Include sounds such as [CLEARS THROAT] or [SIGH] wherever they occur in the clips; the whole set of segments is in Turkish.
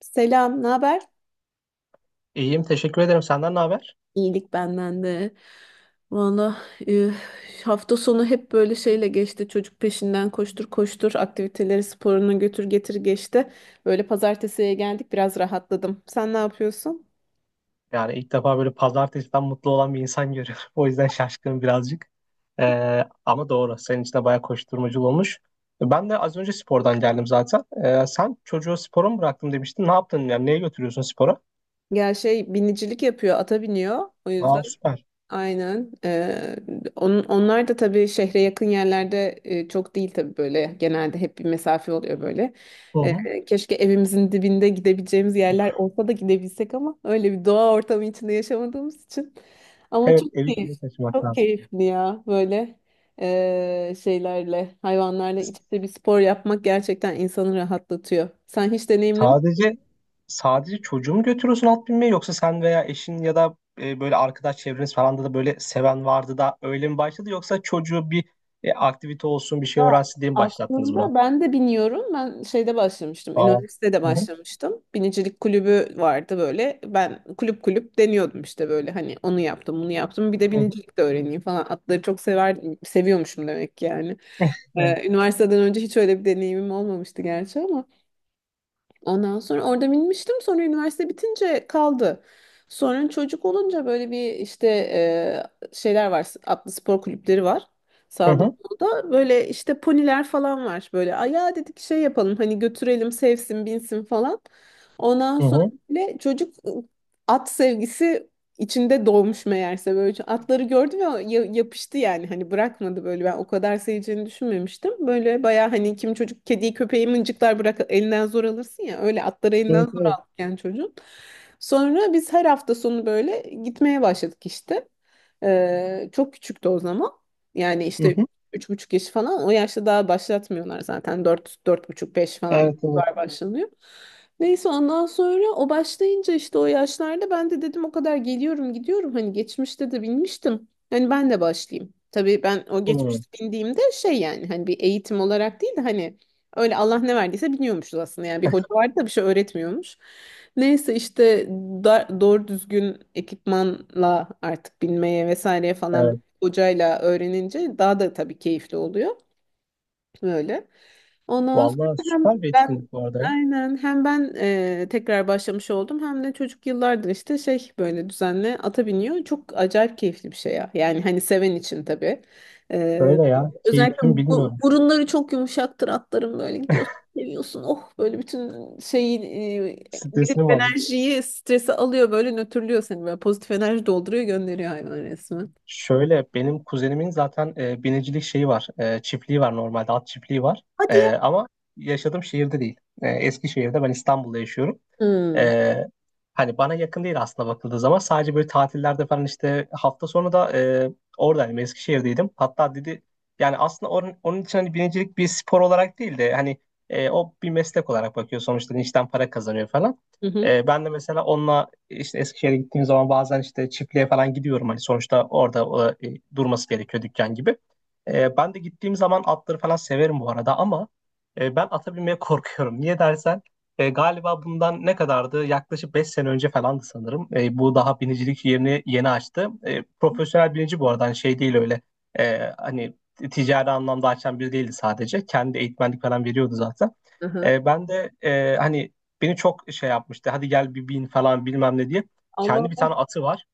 Selam, ne haber? İyiyim, teşekkür ederim. Senden ne haber? İyilik benden de. Valla e, hafta sonu hep böyle şeyle geçti. Çocuk peşinden koştur koştur, aktiviteleri sporunu götür getir geçti. Böyle pazartesiye geldik biraz rahatladım. Sen ne yapıyorsun? Yani ilk defa böyle pazartesiden mutlu olan bir insan görüyorum. [LAUGHS] O yüzden şaşkınım birazcık. Ama doğru, senin için de bayağı koşturmacı olmuş. Ben de az önce spordan geldim zaten. Sen çocuğu spora mı bıraktım demiştin. Ne yaptın? Yani neye götürüyorsun spora? Gel şey binicilik yapıyor, ata biniyor. O yüzden Aa, süper. aynen. Onlar da tabii şehre yakın yerlerde, çok değil tabii böyle. Genelde hep bir mesafe oluyor böyle. Hı hı. Keşke evimizin dibinde gidebileceğimiz yerler olsa da gidebilsek ama öyle bir doğa ortamı içinde yaşamadığımız için. Ama Evet, çok evi keyif, köye taşımak çok lazım. keyifli ya böyle şeylerle, hayvanlarla iç içe bir spor yapmak gerçekten insanı rahatlatıyor. Sen hiç deneyimlemiş. Sadece sadece çocuğu mu götürüyorsun at binmeye, yoksa sen veya eşin ya da böyle arkadaş çevreniz falan da böyle seven vardı da öyle mi başladı, yoksa çocuğu bir aktivite olsun bir şey Ya, öğrensin diye mi başlattınız aslında buna? ben de biniyorum. Ben şeyde başlamıştım. Aa. Üniversitede Hı hı. başlamıştım. Binicilik kulübü vardı böyle. Ben kulüp kulüp deniyordum işte böyle hani onu yaptım, bunu yaptım. Bir de Hı hı. binicilik de öğreneyim falan. Atları çok sever seviyormuşum demek ki yani. [LAUGHS] Evet. Üniversiteden önce hiç öyle bir deneyimim olmamıştı gerçi ama ondan sonra orada binmiştim. Sonra üniversite bitince kaldı. Sonra çocuk olunca böyle bir işte şeyler var. Atlı spor kulüpleri var. Hı Sağda hı. solda böyle işte poniler falan var. Böyle "Ay ya" dedik, şey yapalım hani götürelim sevsin binsin falan. Ondan Hı sonra hı. bile çocuk at sevgisi içinde doğmuş meğerse, böyle atları gördü ve yapıştı yani hani bırakmadı böyle, ben o kadar seveceğini düşünmemiştim. Böyle baya, hani kim çocuk kediyi köpeği mıncıklar, bırak elinden zor alırsın ya, öyle atları elinden Evet, zor evet. aldık yani çocuğun. Sonra biz her hafta sonu böyle gitmeye başladık işte. Çok küçüktü o zaman. Yani Hı işte hı. 3,5 yaş falan, o yaşta daha başlatmıyorlar zaten, dört, dört buçuk, beş falan Evet, evet. var başlanıyor. Neyse ondan sonra o başlayınca işte o yaşlarda ben de dedim o kadar geliyorum gidiyorum, hani geçmişte de binmiştim. Hani ben de başlayayım. Tabii ben o Hı. geçmişte bindiğimde şey, yani hani bir eğitim olarak değil de hani öyle Allah ne verdiyse biniyormuşuz aslında. Yani bir hoca vardı da bir şey öğretmiyormuş. Neyse işte doğru düzgün ekipmanla artık binmeye vesaireye falan Evet. hocayla öğrenince daha da tabii keyifli oluyor. Böyle. Ondan sonra Vallahi hem süper bir ben etkinlik bu arada ya. aynen, hem ben tekrar başlamış oldum, hem de çocuk yıllardır işte şey böyle düzenli ata biniyor. Çok acayip keyifli bir şey ya. Yani hani seven için tabii. E, Öyle ya. özellikle Keyifli mi bu, bilmiyorum. burunları çok yumuşaktır atların, böyle gidiyorsun seviyorsun. Oh, böyle bütün şeyi negatif Stresini mi? enerjiyi, stresi alıyor, böyle nötrlüyor seni, böyle pozitif enerji dolduruyor, gönderiyor hayvan resmen. Şöyle, benim kuzenimin zaten binicilik şeyi var. Çiftliği var normalde, at çiftliği var. Hadi ya. Ama yaşadığım şehirde değil. Eskişehir'de, ben İstanbul'da yaşıyorum. Hmm. E, Hani bana yakın değil aslında bakıldığı zaman. Sadece böyle tatillerde falan, işte hafta sonu da oradaydım, Eskişehir'deydim. Hatta dedi, yani aslında onun için hani binicilik bir spor olarak değil de hani o bir meslek olarak bakıyor. Sonuçta işten para kazanıyor falan. Hı hı. Ben de mesela onunla işte Eskişehir'e gittiğim zaman bazen işte çiftliğe falan gidiyorum. Hani sonuçta orada durması gerekiyor dükkan gibi. Ben de gittiğim zaman atları falan severim bu arada, ama ben ata binmeye [LAUGHS] korkuyorum. Niye dersen, galiba bundan ne kadardı? Yaklaşık 5 sene önce falandı sanırım. Bu daha binicilik yerini yeni açtı. Profesyonel binici bu arada, hani şey değil öyle. Hani ticari anlamda açan biri değildi sadece. Kendi eğitmenlik falan veriyordu zaten. Hı hı. Ben de hani beni çok şey yapmıştı. Hadi gel bir bin falan bilmem ne diye. Allah Kendi bir tane Allah. atı var.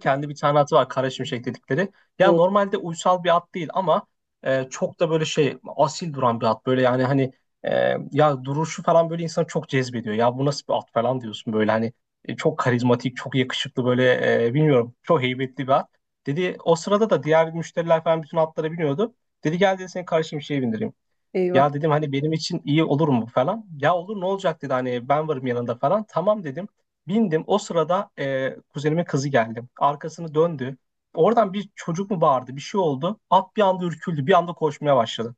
Kendi bir tane atı var, Kara Şimşek dedikleri. Ya Oh, normalde uysal bir at değil, ama çok da böyle şey, asil duran bir at. Böyle, yani hani ya duruşu falan böyle insanı çok cezbediyor. Ya bu nasıl bir at falan diyorsun böyle, hani çok karizmatik, çok yakışıklı, böyle bilmiyorum, çok heybetli bir at. Dedi o sırada da diğer müşteriler falan bütün atlara biniyordu. Dedi gel, dedi, seni Kara Şimşek'e bindireyim. eyvah. Ya dedim, hani benim için iyi olur mu falan. Ya olur, ne olacak, dedi, hani ben varım yanında falan. Tamam dedim. Bindim. O sırada kuzenimin kızı geldi. Arkasını döndü. Oradan bir çocuk mu bağırdı, bir şey oldu. At bir anda ürküldü, bir anda koşmaya başladı.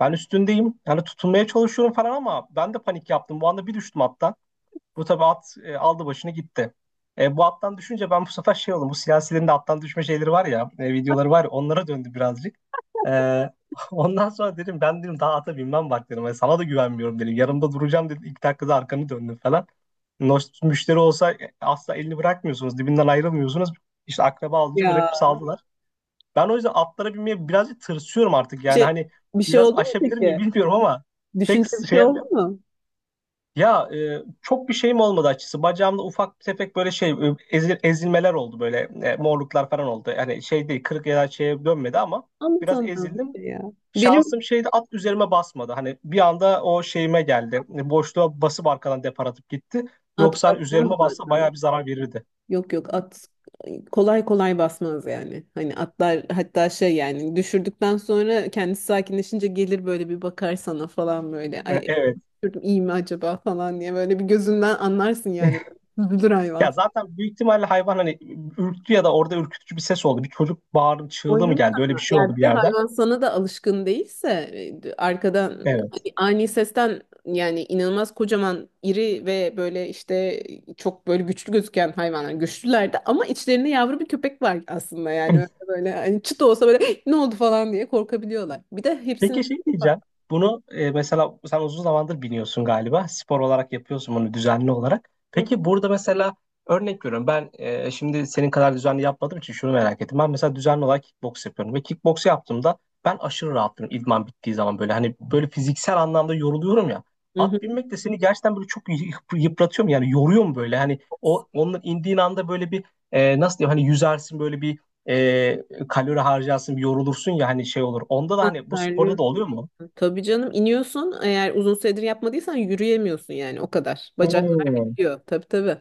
Ben üstündeyim yani, tutunmaya çalışıyorum falan, ama ben de panik yaptım. Bu anda bir düştüm hatta. Bu tabii at aldı başını gitti. Bu attan düşünce ben bu sefer şey oldum. Bu siyasilerin de attan düşme şeyleri var ya, videoları var ya, onlara döndü birazcık. E, [LAUGHS] Ondan sonra dedim, ben dedim daha ata binmem bak dedim. Sana da güvenmiyorum dedim. Yanımda duracağım dedim. İlk dakikada arkanı döndün falan. Müşteri olsa asla elini bırakmıyorsunuz. Dibinden ayrılmıyorsunuz. İşte akraba alınca bırakıp Ya, saldılar. Ben o yüzden atlara binmeye birazcık tırsıyorum artık. Bir Yani şey, hani bir şey biraz oldu mu aşabilir miyim peki? bilmiyorum, ama pek Düşünce bir şey şey, oldu mu? ya çok bir şeyim olmadı açıkçası. Bacağımda ufak bir tefek böyle şey, ezilmeler oldu böyle, morluklar falan oldu. Yani şey değil, kırık ya da şeye dönmedi, ama biraz Anlatamam bir ezildim. şey ya. Benim Şansım şeydi, at üzerime basmadı. Hani bir anda o şeyime geldi. Boşluğa basıp arkadan depar atıp gitti. at Yoksa hani basmaz üzerime bassa bayağı zaten. bir zarar verirdi. Yok yok, at kolay kolay basmaz yani. Hani atlar hatta şey, yani düşürdükten sonra kendisi sakinleşince gelir böyle bir bakar sana falan böyle. Ay, Evet. düşürdüm, iyi mi acaba falan diye, böyle bir gözünden anlarsın yani. [LAUGHS] Üzülür hayvan. Ya zaten büyük ihtimalle hayvan hani ürktü ya da orada ürkütücü bir ses oldu. Bir çocuk bağırdı, çığlığı mı Oynamış geldi? Öyle bir ama, şey yani oldu bir bir de yerden. hayvan sana da alışkın değilse arkadan Evet. hani ani sesten, yani inanılmaz kocaman iri ve böyle işte çok böyle güçlü gözüken hayvanlar, güçlülerdi ama içlerinde yavru bir köpek var aslında yani, öyle böyle hani çıt olsa böyle "Hey, ne oldu?" falan diye korkabiliyorlar. Bir de hepsinin. Peki şey diyeceğim. Bunu mesela sen uzun zamandır biniyorsun galiba. Spor olarak yapıyorsun bunu düzenli olarak. Hı Peki hı. burada mesela örnek veriyorum. Ben şimdi senin kadar düzenli yapmadığım için şunu merak ettim. Ben mesela düzenli olarak kickbox yapıyorum. Ve kickbox yaptığımda ben aşırı rahatım idman bittiği zaman böyle. Hani böyle fiziksel anlamda yoruluyorum ya. Hı At hı. binmek de seni gerçekten böyle çok yıpratıyor mu? Yani yoruyor mu böyle? Hani o onun indiğin anda böyle bir nasıl diyeyim? Hani yüzersin böyle bir, e, kalori harcarsın, yorulursun ya, hani şey olur. Onda da Ha, hani bu sporda da terliyorsun. oluyor mu? Tabii canım iniyorsun, eğer uzun süredir yapmadıysan yürüyemiyorsun yani o kadar. Bacaklar Hmm, bitiyor, tabii tabii.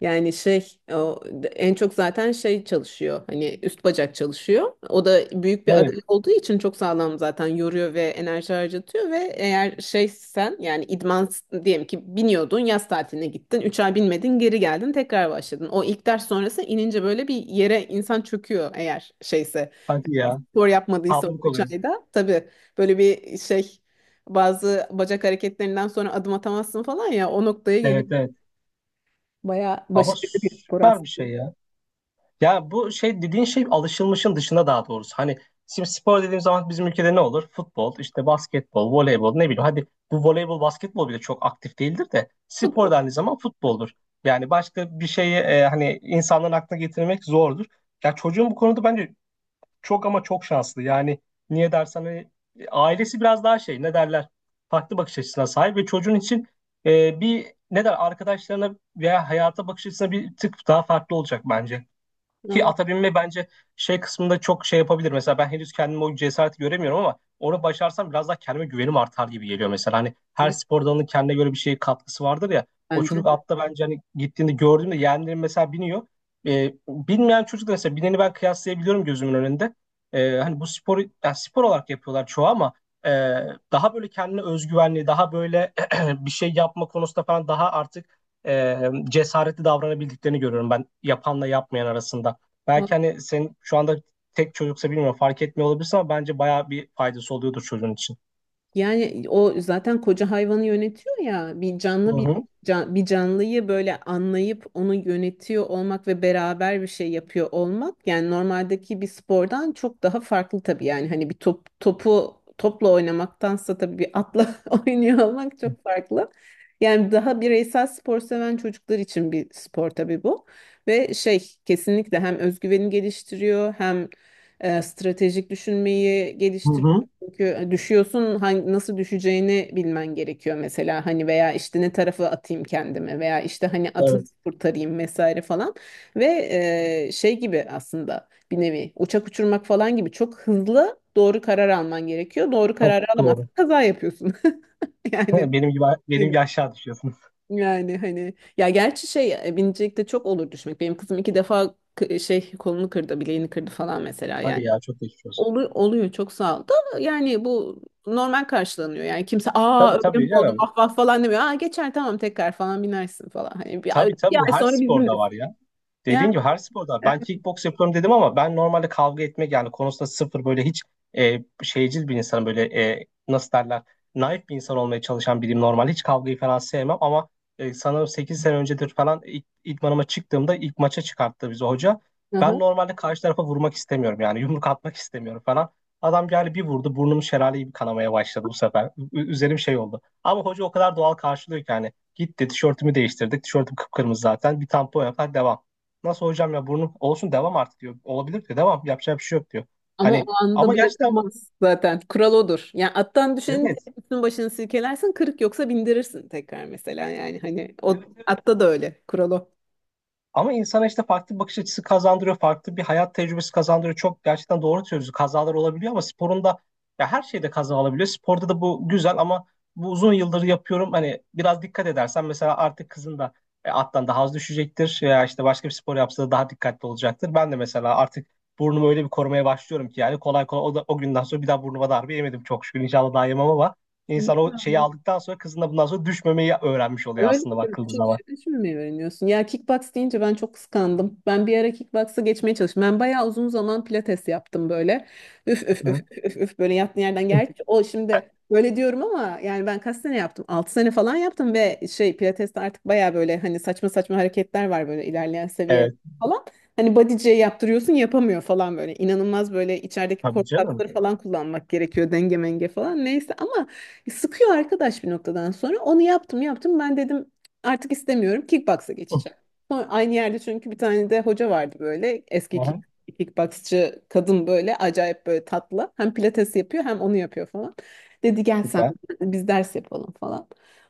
Yani şey, o en çok zaten şey çalışıyor, hani üst bacak çalışıyor. O da büyük bir evet. adalet olduğu için çok sağlam, zaten yoruyor ve enerji harcatıyor ve eğer şey sen yani idman, diyelim ki biniyordun, yaz tatiline gittin, 3 ay binmedin, geri geldin tekrar başladın. O ilk ders sonrası inince böyle bir yere insan çöküyor, eğer şeyse, Hadi ya. spor yapmadıysa o Tablık 3 oluyor. ayda tabii, böyle bir şey bazı bacak hareketlerinden sonra adım atamazsın falan ya, o noktaya gelip Evet, evet. bayağı Ama başarılı bir spor süper bir şey aslında. ya. Ya bu şey dediğin şey alışılmışın dışında, daha doğrusu. Hani şimdi spor dediğim zaman bizim ülkede ne olur? Futbol, işte basketbol, voleybol, ne bileyim. Hadi bu voleybol, basketbol bile çok aktif değildir de, spor Futbol. dendiği zaman futboldur. Yani başka bir şeyi hani insanların aklına getirmek zordur. Ya çocuğun bu konuda bence çok ama çok şanslı. Yani niye dersen hani ailesi biraz daha şey, ne derler, farklı bakış açısına sahip ve çocuğun için bir, ne der, arkadaşlarına veya hayata bakış açısına bir tık daha farklı olacak bence. Ki Anladım. ata binme bence şey kısmında çok şey yapabilir. Mesela ben henüz kendime o cesareti göremiyorum, ama onu başarsam biraz daha kendime güvenim artar gibi geliyor mesela. Hani her spor dalının kendine göre bir şey katkısı vardır ya. O Bence çocuk de. atta bence hani gittiğinde gördüğümde yeğenlerim mesela biniyor. Bilmeyen çocuk da mesela, bineni ben kıyaslayabiliyorum gözümün önünde. Hani bu sporu yani spor olarak yapıyorlar çoğu, ama e, daha böyle kendine özgüvenli, daha böyle [CLEARS THROAT] bir şey yapma konusunda falan daha artık e, cesaretli davranabildiklerini görüyorum ben yapanla yapmayan arasında. Belki hani senin şu anda tek çocuksa bilmiyorum, fark etmiyor olabilirsin, ama bence bayağı bir faydası oluyordur çocuğun için. Yani o zaten koca hayvanı yönetiyor ya, bir Hı canlı bir hı. Bir canlıyı böyle anlayıp onu yönetiyor olmak ve beraber bir şey yapıyor olmak, yani normaldeki bir spordan çok daha farklı tabii, yani hani bir top, topu topla oynamaktansa tabii bir atla [LAUGHS] oynuyor olmak çok farklı. Yani daha bireysel spor seven çocuklar için bir spor tabii bu. Ve şey, kesinlikle hem özgüveni geliştiriyor, hem stratejik düşünmeyi Hı geliştiriyor, hı. çünkü düşüyorsun, hangi, nasıl düşeceğini bilmen gerekiyor mesela, hani veya işte ne tarafa atayım kendimi, veya işte hani atını Evet. kurtarayım vesaire falan ve şey gibi aslında, bir nevi uçak uçurmak falan gibi çok hızlı doğru karar alman gerekiyor. Doğru Çok kararı alamazsan doğru. kaza yapıyorsun. [LAUGHS] [LAUGHS] Yani Benim gibi benim hani- gibi aşağı düşüyorsun. yani hani ya, gerçi şey binicilikte çok olur düşmek. Benim kızım 2 defa şey, kolunu kırdı, bileğini kırdı falan mesela Hadi yani. ya, çok geçmiş olsun. Oluyor, çok sağ ol. Da yani bu normal karşılanıyor. Yani kimse "Aa, Tabii öyle mi tabii oldu, canım. vah vah" falan demiyor. "Aa geçer, tamam tekrar falan binersin" falan. Tabii tabii, bir bu ay her sonra bizimle. sporda var ya. Ya, Dediğin gibi her sporda, evet. ben kickbox yapıyorum dedim, ama ben normalde kavga etmek yani konusunda sıfır, böyle hiç şeycil bir insanım, böyle nasıl derler, naif bir insan olmaya çalışan biriyim, normalde hiç kavgayı falan sevmem, ama sanırım 8 sene öncedir falan ilk, idmanıma çıktığımda ilk maça çıkarttı bizi hoca. Hı Ben hı. normalde karşı tarafa vurmak istemiyorum, yani yumruk atmak istemiyorum falan. Adam geldi bir vurdu, burnum şelale gibi kanamaya başladı bu sefer. Üzerim şey oldu. Ama hoca o kadar doğal karşılıyor ki, hani gitti tişörtümü değiştirdik. Tişörtüm kıpkırmızı zaten. Bir tampon yapar, devam. Nasıl hocam ya, burnu olsun devam artık diyor. Olabilir diyor. Devam, yapacak bir şey yok diyor. Ama o Hani anda ama gerçekten, bırakılmaz zaten. Kural odur. Yani attan düşeni de evet. üstün başını silkelersin. Kırık yoksa bindirirsin tekrar mesela yani. Hani Evet, o evet. atta da öyle. Kural o. Ama insana işte farklı bir bakış açısı kazandırıyor, farklı bir hayat tecrübesi kazandırıyor. Çok gerçekten doğru söylüyorsun. Kazalar olabiliyor, ama sporunda, ya her şeyde kaza olabiliyor. Sporda da bu güzel, ama bu uzun yıldır yapıyorum. Hani biraz dikkat edersen mesela artık kızın da attan daha az düşecektir. Ya işte başka bir spor yapsa da daha dikkatli olacaktır. Ben de mesela artık burnumu öyle bir korumaya başlıyorum ki, yani kolay kolay o günden sonra bir daha burnuma darbe yemedim çok şükür. İnşallah daha yemem, ama İyi. insan o şeyi aldıktan sonra kızın da bundan sonra düşmemeyi öğrenmiş oluyor Öyle mi? aslında Tabii bakıldığı küçük zaman. yaşta şimdi mi öğreniyorsun? Ya kickbox deyince ben çok kıskandım. Ben bir ara kickbox'a geçmeye çalıştım. Ben bayağı uzun zaman pilates yaptım böyle. Üf üf üf Hı. üf üf üf, böyle yattığın yerden. Gerçi o şimdi böyle diyorum ama yani ben kaç sene yaptım? 6 sene falan yaptım ve şey, pilateste artık bayağı böyle hani saçma saçma hareketler var böyle, ilerleyen seviye Evet. falan. Hani body'ciye yaptırıyorsun yapamıyor falan böyle. İnanılmaz, böyle içerideki Tabii korku canım. kasları falan kullanmak gerekiyor, denge menge falan, neyse ama sıkıyor arkadaş bir noktadan sonra. Onu yaptım yaptım. Ben dedim artık istemiyorum. Kickbox'a geçeceğim. [LAUGHS] Sonra aynı yerde, çünkü bir tane de hoca vardı böyle. Aha, Kickboxçı kadın, böyle acayip böyle tatlı. Hem pilates yapıyor hem onu yapıyor falan. Dedi gel, sen süper. biz ders yapalım falan.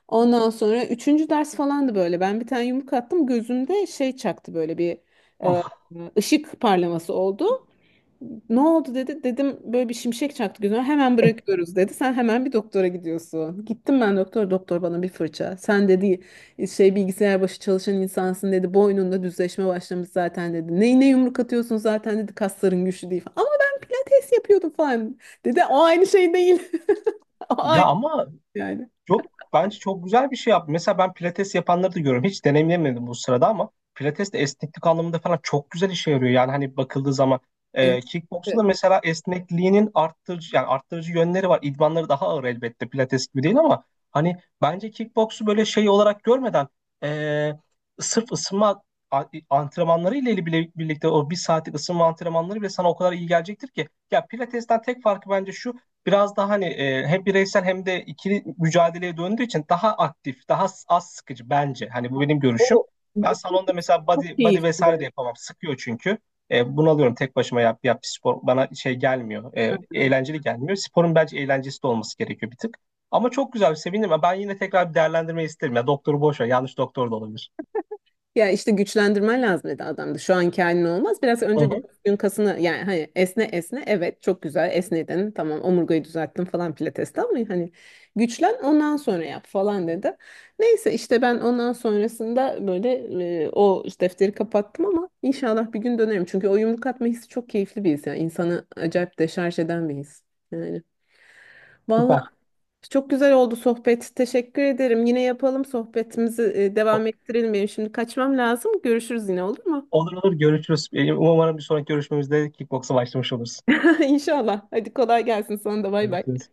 Ondan sonra üçüncü ders falandı böyle. Ben bir tane yumruk attım. Gözümde şey çaktı, böyle bir e, Ah. ışık parlaması oldu. "Ne oldu?" dedi. Dedim böyle bir şimşek çaktı gözüme. "Hemen bırakıyoruz" dedi. "Sen hemen bir doktora gidiyorsun." Gittim ben doktor. Doktor bana bir fırça. "Sen" dedi, "şey, bilgisayar başı çalışan insansın" dedi. "Boynunda düzleşme başlamış zaten" dedi. "Neyine yumruk atıyorsun zaten" dedi. "Kasların güçlü değil" falan. "Ama ben pilates yapıyordum" falan. Dedi "o aynı şey değil". [LAUGHS] O Ya aynı ama yani. çok bence çok güzel bir şey yaptı. Mesela ben pilates yapanları da görüyorum. Hiç deneyimlemedim bu sırada, ama pilates de esneklik anlamında falan çok güzel işe yarıyor. Yani hani bakıldığı zaman Evet. Kickboksta da Evet. mesela esnekliğinin arttırıcı yönleri var. İdmanları daha ağır elbette, pilates gibi değil, ama hani bence kickboksu böyle şey olarak görmeden e, sırf ısınma antrenmanları ile bile birlikte o bir saatlik ısınma antrenmanları bile sana o kadar iyi gelecektir ki. Ya pilatesten tek farkı bence şu, biraz daha hani hem bireysel hem de ikili mücadeleye döndüğü için daha aktif, daha az sıkıcı bence. Hani bu benim görüşüm. O Ben salonda mesela body, çok body vesaire de keyifli. yapamam. Sıkıyor çünkü. Bunalıyorum tek başıma, yap bir spor. Bana şey gelmiyor. Hı hı. Eğlenceli gelmiyor. Sporun bence eğlencesi de olması gerekiyor bir tık. Ama çok güzel, sevindim. Ya, ben yine tekrar bir değerlendirmeyi isterim. Ya doktoru boş ver. Yanlış doktor da olabilir. Ya işte güçlendirmen lazım dedi adam da. Şu anki halin olmaz. Biraz Hı önce hı. durduğun kasını, yani hani esne esne, evet çok güzel esnedin. Tamam omurgayı düzelttin falan pilateste, ama hani güçlen ondan sonra yap falan dedi. Neyse işte ben ondan sonrasında böyle o işte, defteri kapattım, ama inşallah bir gün dönerim. Çünkü o yumruk atma hissi çok keyifli bir his. Yani insanı acayip deşarj eden bir his. Yani. Vallahi Süper. çok güzel oldu sohbet. Teşekkür ederim. Yine yapalım sohbetimizi, O- devam ettirelim. Benim şimdi kaçmam lazım. Görüşürüz yine, olur mu? olur olur, görüşürüz. Umarım bir sonraki görüşmemizde kickboksa başlamış oluruz. [LAUGHS] İnşallah. Hadi kolay gelsin sana da, bay bay. Görüşürüz.